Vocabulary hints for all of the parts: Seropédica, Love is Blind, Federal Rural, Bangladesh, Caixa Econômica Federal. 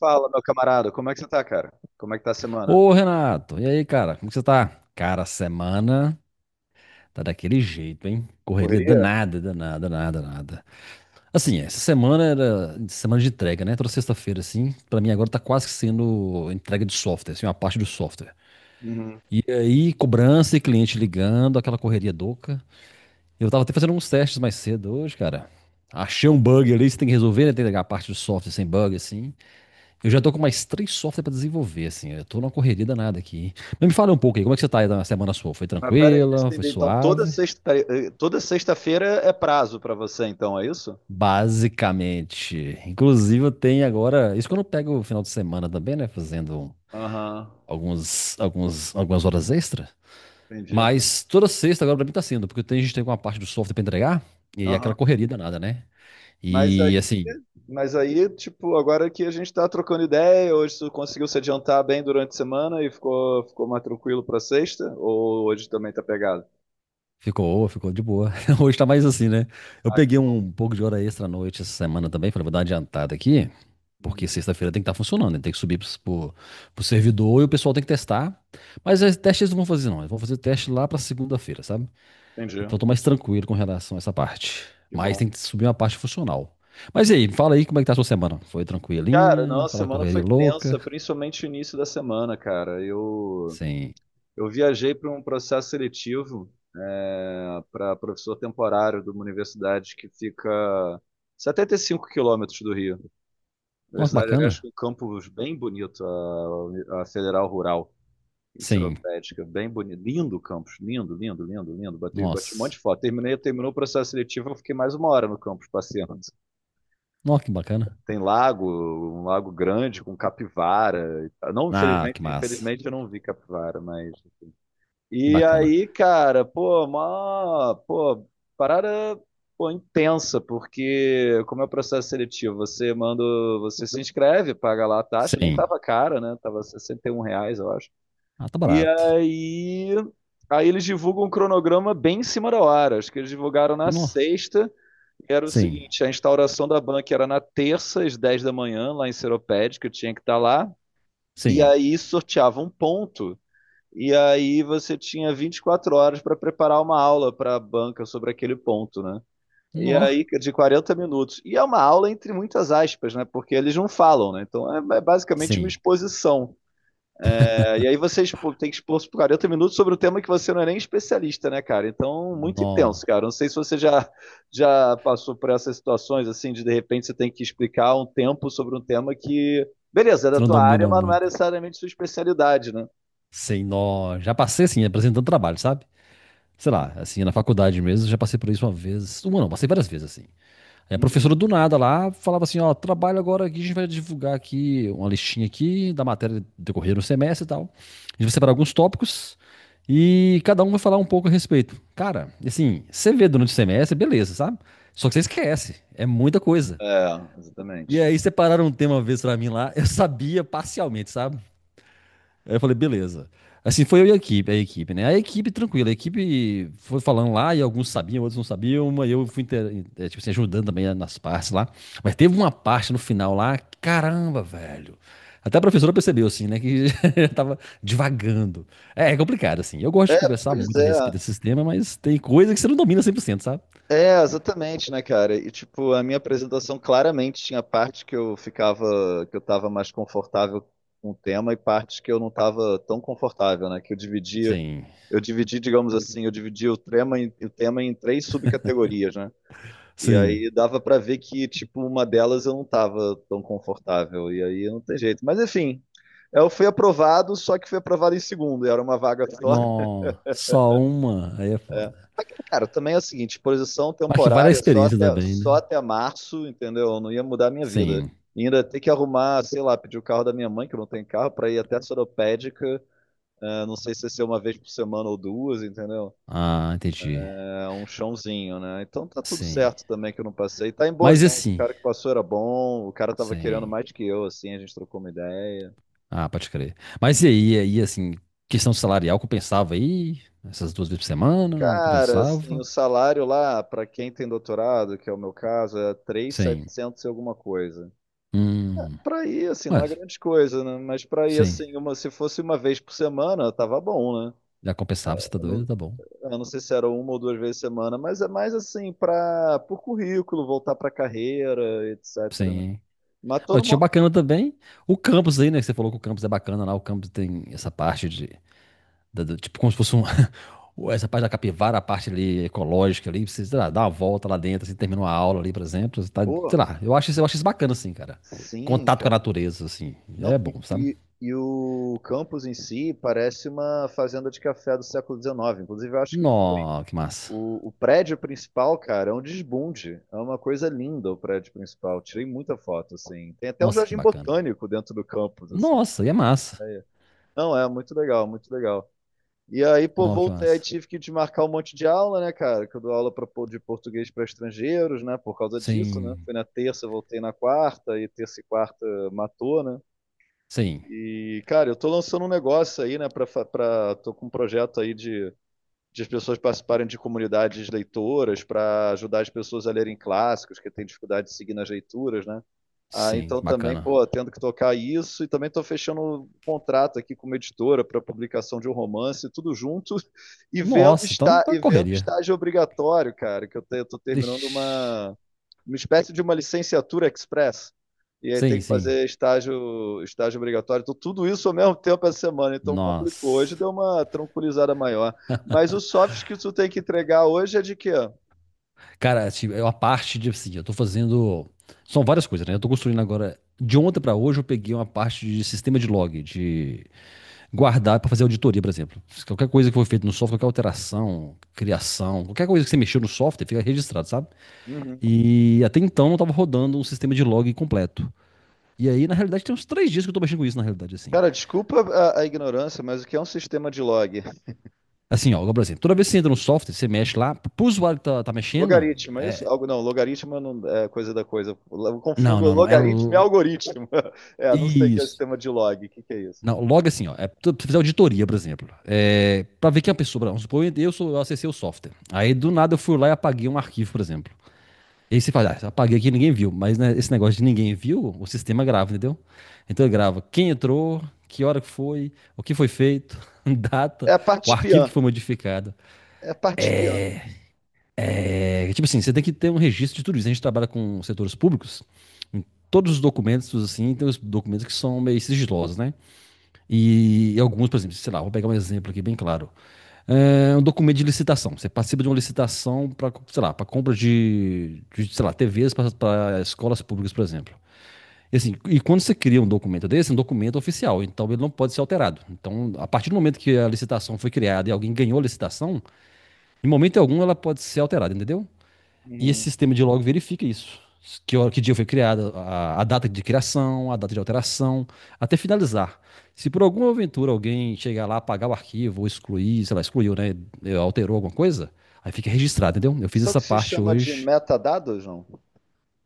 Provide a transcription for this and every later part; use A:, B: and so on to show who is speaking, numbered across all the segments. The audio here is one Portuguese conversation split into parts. A: Fala, meu camarada, como é que você tá, cara? Como é que tá a semana?
B: Ô, Renato, e aí, cara? Como que você tá? Cara, a semana tá daquele jeito, hein? Correria
A: Correria?
B: danada, danada, danada, danada. Assim, essa semana era semana de entrega, né? Toda sexta-feira, assim, pra mim agora tá quase que sendo entrega de software, assim, uma parte do software.
A: Uhum.
B: E aí, cobrança e cliente ligando, aquela correria doca. Eu tava até fazendo uns testes mais cedo hoje, cara. Achei um bug ali, você tem que resolver, né? Tem que pegar a parte do software sem bug, assim. Eu já tô com mais três softwares pra desenvolver, assim. Eu tô numa correria danada aqui, hein? Mas me fala um pouco aí, como é que você tá aí na semana sua? Foi
A: Mas pera aí, deixa
B: tranquila?
A: eu
B: Foi
A: entender. Então, toda
B: suave?
A: sexta, pera aí, toda sexta-feira é prazo pra você, então, é isso?
B: Basicamente. Inclusive, eu tenho agora. Isso quando eu pego o final de semana também, né? Fazendo
A: Aham,
B: algumas horas extra.
A: entendi.
B: Mas toda sexta agora pra mim tá sendo, porque a gente tem uma parte do software pra entregar. E aí é aquela
A: Aham.
B: correria danada, né?
A: Mas
B: E
A: aí,
B: assim,
A: mas aí, tipo, agora que a gente tá trocando ideia, hoje você conseguiu se adiantar bem durante a semana e ficou, ficou mais tranquilo pra sexta? Ou hoje também tá pegado?
B: Ficou de boa. Hoje tá mais assim, né? Eu
A: Ah, que
B: peguei
A: bom.
B: um pouco de hora extra à noite essa semana também. Falei, vou dar uma adiantada aqui, porque
A: Uhum.
B: sexta-feira tem que estar funcionando, né? Tem que subir pro servidor e o pessoal tem que testar. Mas os testes eles não vão fazer, não. Eles vão fazer o teste lá pra segunda-feira, sabe?
A: Entendi,
B: Então eu tô mais
A: entendi.
B: tranquilo com relação a essa parte.
A: Que
B: Mas
A: bom.
B: tem que subir uma parte funcional. Mas e aí, fala aí como é que tá a sua semana? Foi
A: Cara,
B: tranquilinha?
A: não, a
B: Aquela
A: semana
B: correria
A: foi tensa,
B: louca?
A: principalmente o início da semana, cara. Eu,
B: Sim.
A: Eu viajei para um processo seletivo, é, para professor temporário de uma universidade que fica 75 quilômetros do Rio.
B: Nossa, que
A: Universidade, aliás, com
B: bacana.
A: um campus bem bonito, a Federal Rural, em
B: Sim.
A: Seropédica, bem bonito. Lindo o campus, lindo, lindo, lindo, lindo. Bati um monte de
B: Nossa.
A: foto. Terminei, terminou o processo seletivo, eu fiquei mais uma hora no campus passeando.
B: Nossa, que bacana.
A: Tem lago, um lago grande com capivara e tal. Não,
B: Ah,
A: infelizmente,
B: que massa.
A: infelizmente eu não vi capivara, mas...
B: Que
A: E
B: bacana.
A: aí, cara, pô, parada, pô, intensa, porque como é o processo seletivo, você manda, você se inscreve, paga lá a taxa, nem
B: Sim.
A: tava cara, né? Tava R$ 61, eu acho.
B: Ah, tá
A: E
B: barato.
A: aí, aí eles divulgam um cronograma bem em cima da hora, acho que eles divulgaram na
B: Nó.
A: sexta, e era o
B: Sim.
A: seguinte, a instauração da banca era na terça, às 10 da manhã, lá em Seropédica, eu tinha que estar lá, e
B: Sim.
A: aí sorteava um ponto e aí você tinha 24 horas para preparar uma aula para a banca sobre aquele ponto, né? E
B: Nó.
A: aí, de 40 minutos. E é uma aula entre muitas aspas, né? Porque eles não falam, né? Então é, é basicamente uma
B: Sim.
A: exposição. É, e aí você tem que expor por 40 minutos sobre um tema que você não é nem especialista, né, cara? Então, muito intenso,
B: Nó.
A: cara. Não sei se você já, já passou por essas situações, assim, de repente você tem que explicar um tempo sobre um tema que, beleza, é da
B: Você não
A: tua área,
B: domina
A: mas não é
B: muito.
A: necessariamente sua especialidade, né?
B: Sim, nó. Já passei, assim, apresentando trabalho, sabe? Sei lá, assim, na faculdade mesmo, já passei por isso uma vez. Uma não, passei várias vezes, assim. A professora
A: Uhum.
B: do nada lá falava assim, ó, trabalho agora aqui, a gente vai divulgar aqui uma listinha aqui da matéria decorrer no semestre e tal. A gente vai separar alguns tópicos e cada um vai falar um pouco a respeito. Cara, assim, você vê durante o semestre, beleza, sabe? Só que você esquece, é muita coisa.
A: É,
B: E
A: exatamente.
B: aí separaram um tema uma vez pra mim lá, eu sabia parcialmente, sabe? Aí eu falei, beleza. Assim, foi eu e a equipe, né? A equipe tranquila, a equipe foi falando lá e alguns sabiam, outros não sabiam, mas eu fui, tipo assim, ajudando também nas partes lá. Mas teve uma parte no final lá, caramba, velho. Até a professora percebeu, assim, né, que eu tava divagando. É, é complicado, assim. Eu gosto de
A: É,
B: conversar
A: pois
B: muito a
A: é.
B: respeito desse tema, mas tem coisa que você não domina cem por cento, sabe?
A: É, exatamente, né, cara? E tipo, a minha apresentação claramente tinha parte que eu tava mais confortável com o tema e partes que eu não tava tão confortável, né? Que eu dividia,
B: Sim,
A: eu dividi, digamos assim, eu dividia o tema em três subcategorias, né? E
B: sim.
A: aí dava pra ver que, tipo, uma delas eu não tava tão confortável. E aí não tem jeito. Mas enfim, eu fui aprovado, só que fui aprovado em segundo. E Era uma vaga só.
B: Não, só uma, aí é
A: É.
B: foda.
A: Aqui, cara, também é o seguinte, posição
B: Mas que vale a
A: temporária
B: experiência também,
A: só
B: né?
A: até março, entendeu? Eu não ia mudar a minha vida.
B: Sim.
A: E ainda ter que arrumar, sei lá, pedir o carro da minha mãe, que não tem carro, pra ir até a Soropédica, não sei se vai ser uma vez por semana ou duas, entendeu?
B: Ah, entendi.
A: É um chãozinho, né? Então tá tudo
B: Sim.
A: certo também que eu não passei. Tá em boas
B: Mas e
A: mãos, o
B: assim,
A: cara que passou era bom, o cara tava querendo
B: sim.
A: mais que eu, assim, a gente trocou uma ideia.
B: Ah, pode crer. Mas e aí assim, questão salarial compensava aí? Essas duas vezes por semana, não
A: Cara, assim, o
B: compensava?
A: salário lá, pra quem tem doutorado, que é o meu caso, é três mil e
B: Sim.
A: setecentos e alguma coisa.
B: Hum.
A: Pra ir, assim, não é
B: Mas,
A: grande coisa, né? Mas pra ir,
B: sim.
A: assim, uma, se fosse uma vez por semana, tava bom, né?
B: Já compensava, você tá
A: Eu
B: doido?
A: não,
B: Tá bom.
A: eu não sei se era uma ou duas vezes por semana, mas é mais assim, pra, por currículo, voltar pra carreira, etc, né?
B: Sim.
A: Mas tô
B: Ó, tinha o
A: numa.
B: bacana também. O campus aí, né? Que você falou que o campus é bacana lá. O campus tem essa parte de tipo como se fosse um, essa parte da capivara, a parte ali ecológica ali, você, sei lá, dá uma volta lá dentro, assim, termina uma aula ali, por exemplo, você tá, sei
A: Pô,
B: lá, eu acho, eu acho isso bacana, assim, cara.
A: sim,
B: Contato com a
A: cara.
B: natureza, assim, é
A: Não,
B: bom, sabe?
A: e o campus em si parece uma fazenda de café do século XIX, inclusive eu acho que foi.
B: Nó, que massa.
A: O prédio principal, cara, é um desbunde. É uma coisa linda o prédio principal. Tirei muita foto, assim. Tem até um
B: Nossa, que
A: jardim
B: bacana.
A: botânico dentro do campus, assim, pra
B: Nossa, e
A: você
B: é massa.
A: ter ideia. Não, é muito legal, muito legal. E aí, pô,
B: Nó, que
A: voltei, aí
B: massa.
A: tive que desmarcar um monte de aula, né, cara? Que eu dou aula de português para estrangeiros, né? Por causa disso, né?
B: Sim,
A: Fui na terça, voltei na quarta, e terça e quarta matou, né?
B: sim,
A: E, cara, eu tô lançando um negócio aí, né? Tô com um projeto aí de as pessoas participarem de comunidades leitoras para ajudar as pessoas a lerem clássicos, que têm dificuldade de seguir nas leituras, né? Ah,
B: sim,
A: então
B: que
A: também,
B: bacana.
A: pô, tendo que tocar isso e também estou fechando um contrato aqui com uma editora para publicação de um romance, tudo junto e
B: Nossa, então, uma
A: vendo
B: correria.
A: estágio obrigatório, cara, que eu estou terminando
B: Ixi.
A: uma espécie de uma licenciatura express. E aí tem
B: Sim,
A: que
B: sim.
A: fazer estágio obrigatório. Então, tudo isso ao mesmo tempo essa semana, então complicou. Hoje
B: Nossa.
A: deu uma tranquilizada maior. Mas o soft que tu tem que entregar hoje é de quê?
B: Cara, assim, é uma parte de assim, eu tô fazendo. São várias coisas, né? Eu tô construindo agora. De ontem pra hoje eu peguei uma parte de sistema de log, de guardar pra fazer auditoria, por exemplo. Se qualquer coisa que foi feita no software, qualquer alteração, criação, qualquer coisa que você mexeu no software, fica registrado, sabe?
A: Uhum.
B: E até então não tava rodando um sistema de log completo. E aí, na realidade, tem uns três dias que eu tô mexendo com isso, na realidade, assim.
A: Cara, desculpa ignorância, mas o que é um sistema de log?
B: Assim, ó, agora, por exemplo, toda vez que você entra no software, você mexe lá, pro usuário que tá mexendo,
A: Logaritmo, é isso?
B: é...
A: Algo, não, logaritmo não é coisa da coisa. Eu
B: Não,
A: confundo
B: não, não.
A: logaritmo e algoritmo. É, não sei o que é o
B: Isso.
A: sistema de log. É isso?
B: Não, logo assim, ó, é, tu fizer auditoria, por exemplo, é, para ver quem é a pessoa, vamos supor, eu, sou, eu acessei o software. Aí do nada eu fui lá e apaguei um arquivo, por exemplo. E aí você fala, ah, apaguei aqui e ninguém viu, mas né, esse negócio de ninguém viu, o sistema grava, entendeu? Então ele grava quem entrou, que hora que foi, o que foi feito,
A: É
B: data,
A: a
B: o
A: parte
B: arquivo
A: pian.
B: que foi modificado.
A: É a parte pian.
B: É, tipo assim, você tem que ter um registro de tudo isso. A gente trabalha com setores públicos, todos os documentos, assim, tem os documentos que são meio sigilosos, né? E alguns, por exemplo, sei lá, vou pegar um exemplo aqui bem claro. É um documento de licitação. Você participa de uma licitação para, sei lá, para compra sei lá, TVs para escolas públicas, por exemplo. E, assim, e quando você cria um documento desse, é um documento oficial, então ele não pode ser alterado. Então, a partir do momento que a licitação foi criada e alguém ganhou a licitação, em momento algum ela pode ser alterada, entendeu? E esse
A: Uhum.
B: sistema de log verifica isso. Que, que dia foi criada, a data de criação, a data de alteração, até finalizar. Se por alguma aventura alguém chegar lá, apagar o arquivo, ou excluir, sei lá, excluiu, né? Alterou alguma coisa, aí fica registrado, entendeu? Eu fiz
A: Só que
B: essa
A: se
B: parte
A: chama de
B: hoje.
A: metadados, não?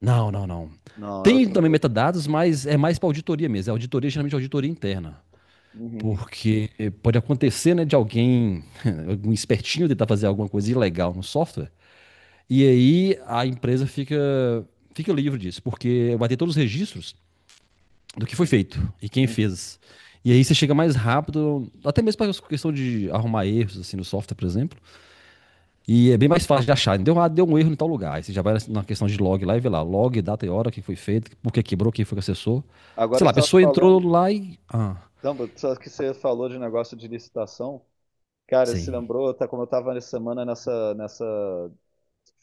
B: Não, não, não.
A: Não, é
B: Tem
A: outra
B: também
A: coisa.
B: metadados, mas é mais para auditoria mesmo. É auditoria, geralmente auditoria interna.
A: Uhum.
B: Porque pode acontecer, né, de alguém, algum espertinho tentar fazer alguma coisa ilegal no software. E aí a empresa fica, fica livre disso, porque vai ter todos os registros do que foi
A: Uhum,
B: feito e quem
A: uhum.
B: fez. E aí você chega mais rápido, até mesmo para questão de arrumar erros assim no software, por exemplo. E é bem mais fácil de achar. Deu, ah, deu um erro em tal lugar. Aí você já vai na questão de log lá e vê lá, log, data e hora, o que foi feito, por que quebrou, quem foi que acessou.
A: Agora
B: Sei
A: você
B: lá, a
A: estava
B: pessoa entrou
A: falando,
B: lá e. Ah,
A: não, só que você falou de negócio de licitação. Cara, se
B: sim,
A: lembrou, tá, como eu tava nessa semana nessa,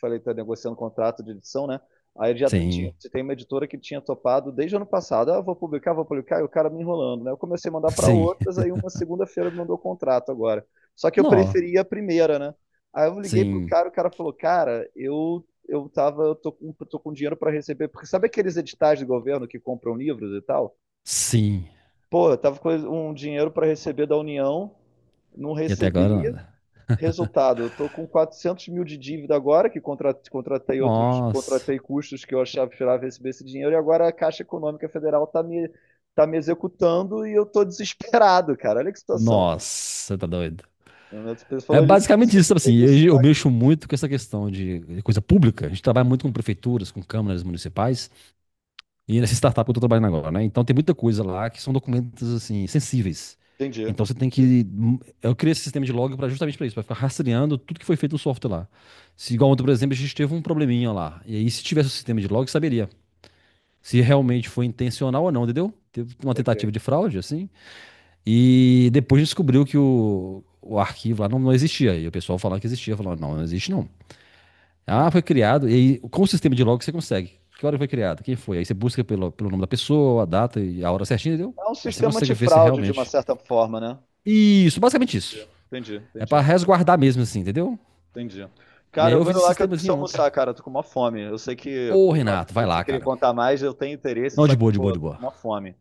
A: falei, tá negociando um contrato de edição, né? Tinha,
B: sim,
A: tem uma editora que tinha topado desde o ano passado, ah, vou publicar, e o cara me enrolando, né? Eu comecei a mandar para
B: sim.
A: outras, aí uma segunda-feira me mandou o contrato agora. Só que eu
B: Não,
A: preferia a primeira, né? Aí eu liguei pro
B: sim,
A: cara, o cara falou, cara, eu tô, tô com dinheiro para receber, porque sabe aqueles editais do governo que compram livros e tal?
B: sim.
A: Pô, eu tava com um dinheiro para receber da União, não
B: E até agora
A: recebi.
B: nada.
A: Resultado, eu tô com 400 mil de dívida agora, que contratei outros,
B: Nossa.
A: contratei custos que eu achava que esperava receber esse dinheiro, e agora a Caixa Econômica Federal está tá me executando e eu estou desesperado, cara. Olha que situação.
B: Nossa, tá doido.
A: Você
B: É
A: falou
B: basicamente
A: licitação,
B: isso,
A: não
B: sabe
A: tem
B: assim,
A: isso.
B: eu
A: Aí...
B: mexo muito com essa questão de coisa pública. A gente trabalha muito com prefeituras, com câmaras municipais e nessa startup que eu tô trabalhando agora, né? Então tem muita coisa lá que são documentos assim sensíveis.
A: Entendi,
B: Então você tem
A: entendi,
B: que eu criei esse sistema de log para justamente para isso, para ficar rastreando tudo que foi feito no software lá. Se
A: entendi.
B: igual ontem, por exemplo, a gente teve um probleminha lá. E aí se tivesse o sistema de log, saberia se realmente foi intencional ou não, entendeu? Teve uma
A: Ok,
B: tentativa de fraude assim, e depois descobriu que o arquivo lá não existia. E o pessoal falando que existia, falando, não, não existe não. Ah,
A: entendi.
B: foi criado, e aí, com o sistema de log você consegue. Que hora foi criado? Quem foi? Aí você busca pelo nome da pessoa, a data e a hora certinha, entendeu?
A: É um
B: Aí você
A: sistema
B: consegue ver se é
A: antifraude, de uma
B: realmente.
A: certa forma, né?
B: Isso, basicamente isso.
A: Entendi, entendi,
B: É pra
A: entendi.
B: resguardar mesmo, assim, entendeu?
A: Entendi.
B: E
A: Cara,
B: aí
A: eu
B: eu
A: vou
B: fiz
A: indo
B: esse
A: lá que eu preciso
B: sistemazinho ontem.
A: almoçar, cara. Eu tô com uma fome. Eu sei que
B: Ô,
A: pra-
B: Renato, vai
A: se
B: lá,
A: querer
B: cara.
A: contar mais, eu tenho interesse,
B: Não,
A: só
B: de
A: que,
B: boa, de
A: pô,
B: boa,
A: eu
B: de
A: tô com
B: boa.
A: uma fome.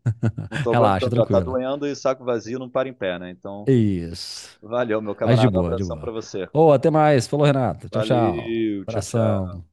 A: Não tô
B: Relaxa,
A: aguentando, já tá
B: tranquila.
A: doendo e saco vazio não para em pé, né? Então,
B: Isso.
A: valeu, meu
B: Mas de
A: camarada. Um
B: boa, de
A: abração pra
B: boa.
A: você.
B: Ô, até mais. Falou, Renato. Tchau, tchau.
A: Valeu, tchau, tchau.
B: Abração.